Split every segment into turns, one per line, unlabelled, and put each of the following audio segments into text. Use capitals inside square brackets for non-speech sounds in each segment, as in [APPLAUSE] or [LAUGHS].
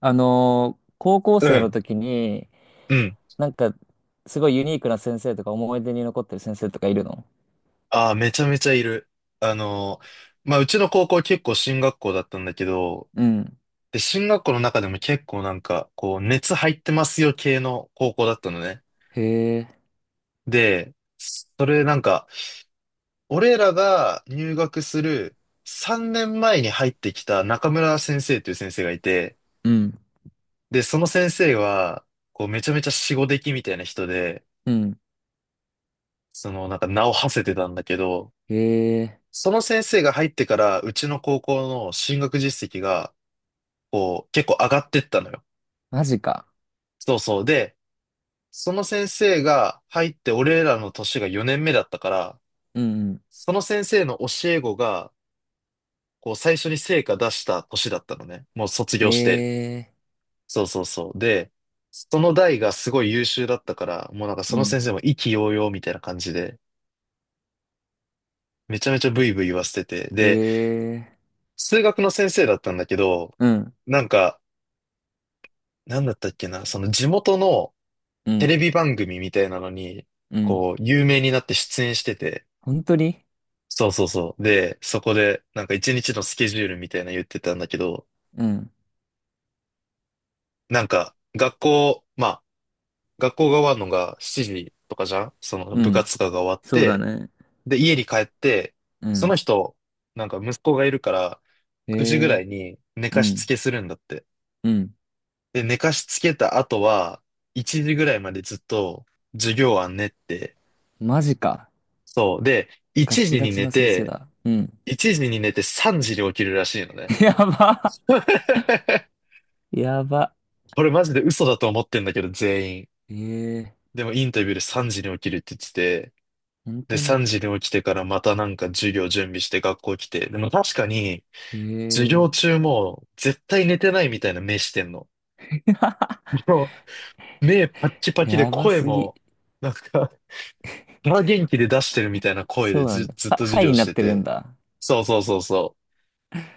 高校
う
生の
ん。
時に、
うん。
なんか、すごいユニークな先生とか思い出に残ってる先生とかいるの？
ああ、めちゃめちゃいる。あのまあ、うちの高校結構進学校だったんだけど、
うん。
で、進学校の中でも結構なんか、こう、熱入ってますよ系の高校だったのね。
へえ。
で、それなんか、俺らが入学する3年前に入ってきた中村先生という先生がいて、
うん。
で、その先生は、こう、めちゃめちゃ死後出来みたいな人で、
うん。
その、なんか名を馳せてたんだけど、
へえ。
その先生が入ってから、うちの高校の進学実績が、こう、結構上がってったのよ。
マジか。
そうそう。で、その先生が入って、俺らの年が4年目だったから、
うんうん。
その先生の教え子が、こう、最初に成果出した年だったのね。もう卒
へ
業して。
え。
そうそうそう。で、その代がすごい優秀だったから、もうなんかそ
う
の先
ん。
生も意気揚々みたいな感じで、めちゃめちゃブイブイ言わせてて。
へ
で、
え。
数学の先生だったんだけど、
うん。
なんか、なんだったっけな、その地元の
う
テ
ん。
レビ番組みたいなのに、
うん。
こう、有名になって出演してて、
本当に？
そうそうそう。で、そこで、なんか一日のスケジュールみたいなの言ってたんだけど、
うん。
なんか、まあ、学校が終わるのが7時とかじゃん、その
う
部
ん。
活とかが終わっ
そうだ
て、
ね。
で、家に帰って、
う
その
ん。
人、なんか息子がいるから、
へ
9時ぐら
え。
いに寝
う
かしつ
ん。
けするんだって。
うん。
で、寝かしつけた後は、1時ぐらいまでずっと授業は練って、
マジか。
そう。で、1
ガチ
時
ガ
に
チ
寝
の先生
て、
だ。うん。
1時に寝て3時に起きるらしいのね。
[LAUGHS] やば。
[LAUGHS]
やば。
これマジで嘘だと思ってんだけど、全員。
へえ。
でもインタビューで3時に起きるって言ってて、
本
で、
当に？
3時に起きてからまたなんか授業準備して学校来て、でも確かに、
へ
授
え。
業中も絶対寝てないみたいな目してんの。
[LAUGHS]
もう、目パッキパキで
やば
声
すぎ。
も、なんか、空元気で出してるみたいな声
そ
で、
うなん
ず、
だ。
ずっ
は、
と授
はいに
業し
なっ
て
てるん
て。
だ。
そうそうそうそ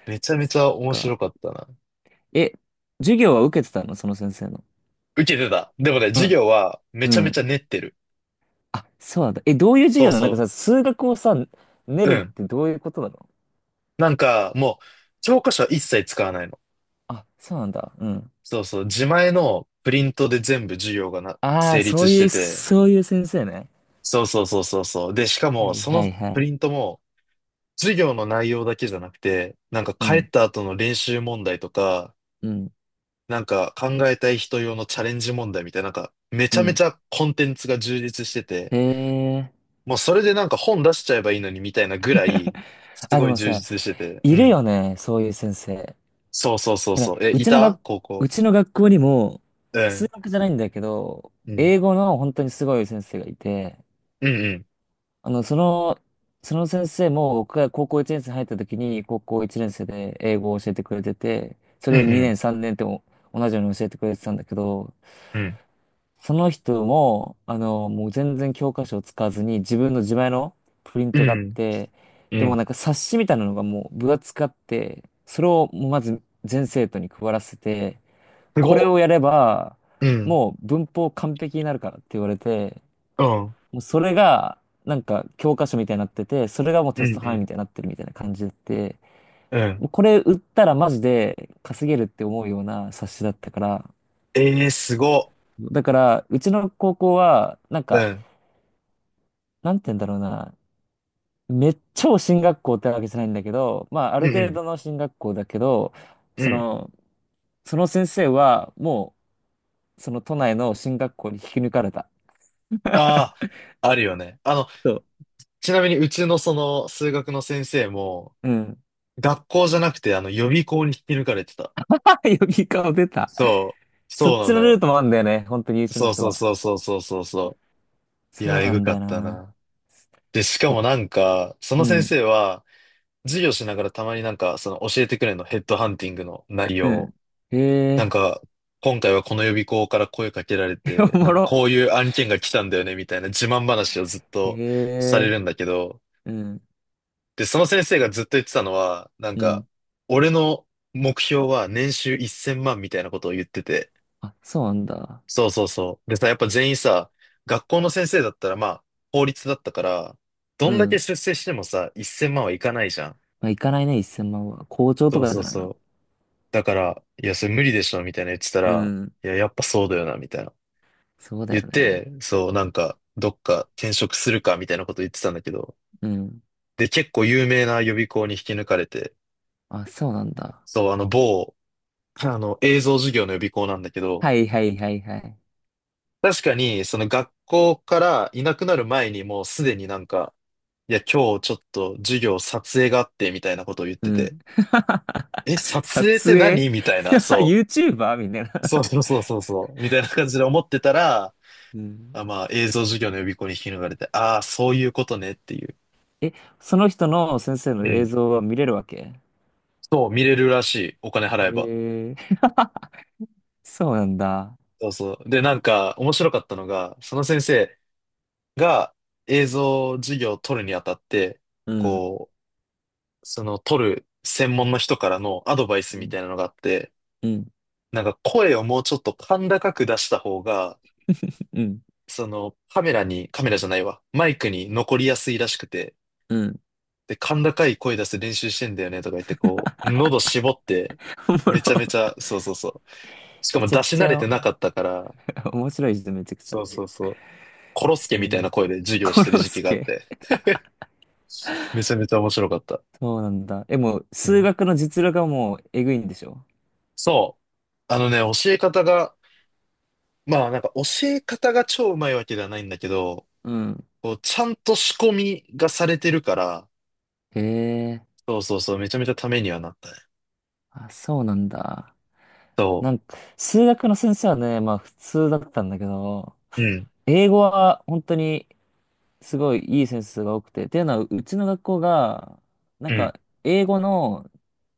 う。めちゃめ
そ
ち
っ
ゃ面
か。
白かったな。
え、授業は受けてたのその先生の？
受けてた。でもね、授
あ、
業はめ
う
ちゃめ
ん。
ちゃ練ってる。
あ、そうなんだ。え、どういう授
そ
業
う
なの？なんか
そ
さ、数学をさ、練
う。う
るっ
ん。
てどういうことなの？
なんか、もう、教科書は一切使わないの。
あ、そうなんだ。うん。
そうそう。自前のプリントで全部授業がな、
ああ、
成
そ
立
う
し
い
て
う、
て。
そういう先生ね。
そうそうそうそうそう。で、しか
は
も、
い
その
はいは
プ
い。
リントも、授業の内容だけじゃなくて、なんか
う
帰
ん、
った後の練習問題とか、
うん、
なんか考えたい人用のチャレンジ問題みたいな、なんか、め
う
ちゃめち
ん。
ゃコンテンツが充実してて、
へえ。
もうそれでなんか本出しちゃえばいいのにみたいなぐら
[LAUGHS]
い、す
あ、で
ごい
も
充
さ、
実してて。う
いる
ん。
よね、そういう先生。
そうそうそう
なん
そ
か、
う。え、いた高
う
校。
ちの学校にも、
う
数
ん。
学じゃないんだけど、
うん。
英語の本当にすごい先生がいて、
うんうん。
あの、その、その先生も僕が高校1年生入った時に、高校1年生で英語を教えてくれてて、そ
うんう
れで2
ん。
年3年っても同じように教えてくれてたんだけど、
うん。
その人も、あの、もう全然教科書を使わずに自分の自前のプリン
う
トがあっ
ん。
て、
う
でも
ん。
なんか冊子みたいなのがもう分厚くあって、それをもうまず全生徒に配らせて、
す
これ
ご
を
っ。
やれば、
うん。
もう文法完璧になるからって言われて、
うん。
もうそれが、なんか教科書みたいになってて、それがもう
う
テス
ん
ト
う
範囲み
ん。
たいになってるみたいな感じで、
うん。
もうこれ売ったらマジで稼げるって思うような冊子だったから、
ええー、すごっ。
だから、うちの高校は、なん
う
か、
ん。
なんて言うんだろうな、めっちゃ進学校ってわけじゃないんだけど、まあ、あ
う
る程
ん
度の進学校だけど、
うん。う
そ
ん。
の、その先生は、もう、その都内の進学校に引き抜かれた。
ああ、あるよね。
そう。
ちなみにうちのその数学の先生も、
うん。
学校じゃなくてあの予備校に引き抜かれてた。
ヨギ顔出た。
そう。
そっ
そうな
ちの
の
ルー
よ。
トもあるんだよね。本当に優秀な
そう
人
そう
は。
そうそうそうそうそう。い
そ
や、
う
え
な
ぐ
んだ
か
よ
った
な。
な。で、しか
やっ
もなんか、そ
う
の先
ん、
生は、授業しながらたまになんか、その教えてくれるの、ヘッドハンティングの内
う
容を。
ん。へ
なん
え、
か、今回はこの予備校から声かけられ
[LAUGHS]
て、
お
な
も
んか
ろ。
こういう案件が来たんだよね、みたいな自慢話をずっとされ
へえ、
るんだけど、
うん、
で、その先生がずっと言ってたのは、なん
う
か、
ん。
俺の目標は年収1000万みたいなことを言ってて、
あ、そうなんだ。
そうそうそう。でさ、やっぱ全員さ、学校の先生だったらまあ、法律だったから、ど
う
んだけ
ん。
出世してもさ、1000万はいかないじゃん。
まあ、行かないね、1000万は。校長と
そう
か
そ
じ
う
ゃない
そ
の？
う。だから、いや、それ無理でしょ、みたいな言ってた
う
ら、
ん。
いや、やっぱそうだよな、みたいな。
そうだ
言っ
よね。
て、そう、なんか、どっか転職するか、みたいなこと言ってたんだけど、
うん。
で、結構有名な予備校に引き抜かれて、
あ、そうなんだ。
そう、あの、某、[LAUGHS] あの、映像授業の予備校なんだけど、
はいはいはいはい。
確かに、その学校からいなくなる前にもうすでになんか、いや、今日ちょっと授業撮影があって、みたいなことを言っ
う
てて、
ん。
え、
[LAUGHS]
撮影っ
撮
て
影
何みたいな、
[LAUGHS]
そ
?YouTuber? みたいな。
う。そうそうそうそうそう、みたいな感じで思ってたら、
うん。
あ、まあ、映像授業の予備校に引き抜かれて、ああ、そういうことねっていう。
え、その人の先生の
う
映
ん。
像は見れるわけ？
そう、見れるらしい。お金払えば。
ええ、 [LAUGHS] そうなんだ。
そうそう。で、なんか、面白かったのが、その先生が映像授業を取るにあたって、
うん、
こう、その取る専門の人からのアドバイス
う
みた
ん、
いなのがあって、
うん、
なんか声をもうちょっと甲高く出した方が、
うん、
そのカメラに、カメラじゃないわ、マイクに残りやすいらしくて、
うん。
で、甲高い声出して練習してんだよねとか言って、こう、喉絞って、
[LAUGHS] おも
めちゃめ
ろ。
ちゃ、そうそうそう。しか
め
も
ちゃ
出
く
し
ち
慣れ
ゃ
てなかったから、
[LAUGHS] 面白い人めちゃくちゃ。
そうそうそう。コロス
う
ケみたいな
ん。
声で授業し
コ
てる
ロ
時
ス
期があっ
ケ。
て、めちゃめちゃ面白かった。
そうなんだ。え、もう、
う
数
ん。
学の実力がもう、えぐいんでしょ？
そう。あのね、教え方が、まあなんか教え方が超うまいわけではないんだけど、
うん、
こう、ちゃんと仕込みがされてるから、
へえ、
そうそうそう、めちゃめちゃためにはなったね。
あ、そうなんだ。
そ
なんか、数学の先生はね、まあ普通だったんだけど、
う。うん。
英語は本当にすごいいい先生が多くて、っていうのはうちの学校が、なん
うん。
か英語の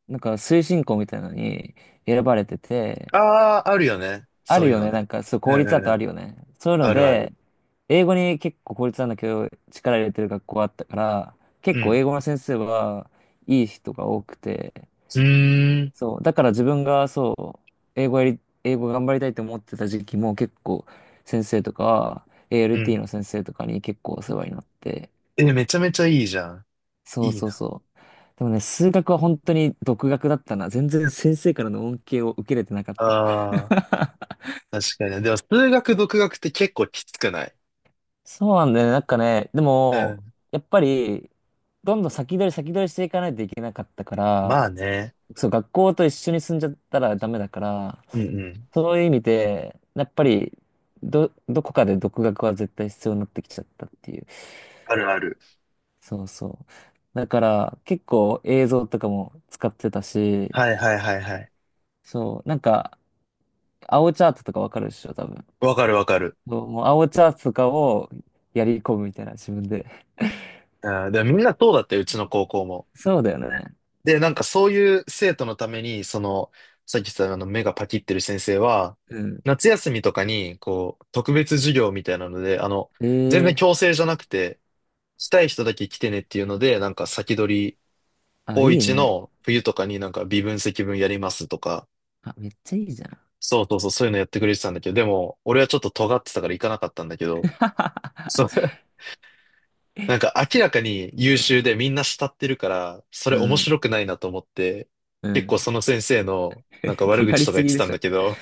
なんか推進校みたいなのに選ばれてて、
ああ、あるよね。
あ
そ
る
ういう
よ
の
ね。
ね。
なんか、そう、
う
公
ん
立
う
だ
ん
と
う
あ
ん。
るよね。そういうの
あるある。
で、英語に結構公立なんだけど、力入れてる学校あったから、
う
結構
ん。
英語の先生はいい人が多くて、
うーん。
そう、だから自分がそう、英語頑張りたいと思ってた時期も結構先生とか、
うん。
ALT の先生とかに結構お世話になって、
え、めちゃめちゃいいじゃん。
そう
いい
そう
な。
そう。でもね、数学は本当に独学だったな。全然先生からの恩恵を受けれてなかった。
ああ、
[LAUGHS]
確かに。でも、数学、独学って結構きつくない？
そうなんだよね。なんかね、で
う
も、
ん。
やっぱり、どんどん先取り先取りしていかないといけなかったか
ま
ら、
あね。
そう、学校と一緒に住んじゃったらダメだから、
うんうん。
そういう意味で、やっぱり、どこかで独学は絶対必要になってきちゃったっていう。
あるある。
そうそう。だから、結構映像とかも使ってたし、
はいはいはいはい。
そう、なんか、青チャートとかわかるでしょ、多分。
わかるわかる。
そう、もう青チャートとかをやり込むみたいな、自分で。
あー、でもみんなそうだって、うちの高校も。
そうだよね。
で、なんかそういう生徒のために、その、さっき言ったあの目がパキってる先生は、
うん。
夏休みとかに、こう、特別授業みたいなので、あの、全然
ええ
強制じゃなくて、したい人だけ来てねっていうので、なんか先取
ー、あ、
高
いい
一
ね。
の冬とかになんか微分積分やりますとか、
あ、めっちゃいいじゃん。
そうそうそう、そういうのやってくれてたんだけど、でも、俺はちょっと尖ってたから行かなかったんだけど、そう、[LAUGHS] なんか明らかに優秀
あ、
でみんな慕ってるから、そ
う
れ面
ん、
白くないなと思って、
う
結構
ん。
その先生のなんか
[LAUGHS]
悪
尖
口
り
とか
す
言っ
ぎ
て
で
たん
しょ。
だけど、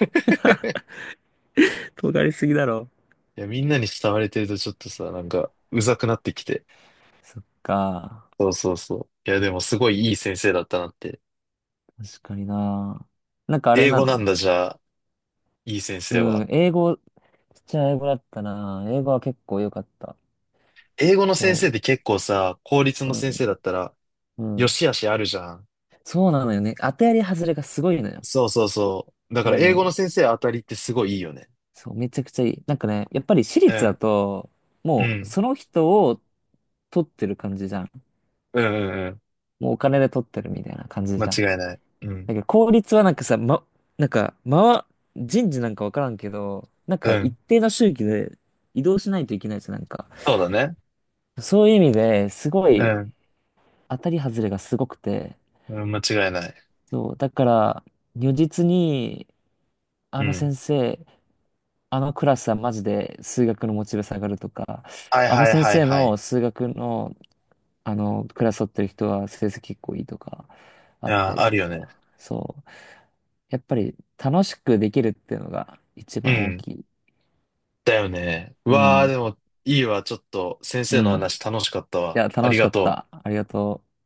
尖りすぎだろ。
[LAUGHS] いや、みんなに慕われてるとちょっとさ、なんかうざくなってきて。
そっか。
そうそうそう。いや、でもすごいいい先生だったなって。
確かにな。なんかあれ
英
な
語なん
の？
だ、じゃあ、いい先生
う
は。
ん、英語、ちっちゃい英語だったな。英語は結構良かった。
英語の先生
そ
って結構さ、公立
う。
の先生だったら、
うん、う
よ
ん。
しあしあるじゃん。
そうなのよね。当てやり外れがすごいのよ。
そうそうそう。だ
な
か
ん
ら
か
英
ね、
語の先生当たりってすごいいいよね。
そう、めちゃくちゃいい。なんかね、やっぱり私
う
立だ
ん、
と、
う
もう
ん、
その人を取ってる感じじゃん。
うん、うんうん、
もうお金で取ってるみたいな感じ
間
じゃん。
違いない。うん、
なんか効率はなんかさ、ま、なんか、ま、人事なんかわからんけど、なん
う
か一
ん。
定の周期で移動しないといけないですなんか。
そうだね。
そういう意味ですご
う
い
ん、
当たり外れがすごくて、
うん、間違いない。
そう、だから如実に、
う
あの
ん。
先生あのクラスはマジで数学のモチベ下がるとか、
はい
あの
はい
先
はい
生
はい。
の数学の、あのクラス取ってる人は成績結構いいとか、あった
あー、
り
あ
と
るよね。
か、そう。やっぱり楽しくできるっていうのが一
う
番大
ん。
きい。
だよね。う
う
わあ、
ん。
でも、いいわ。ちょっと、先
う
生の
ん。い
話楽しかったわ。
や、
あ
楽
り
しか
が
っ
と
た。
う。
ありがとう。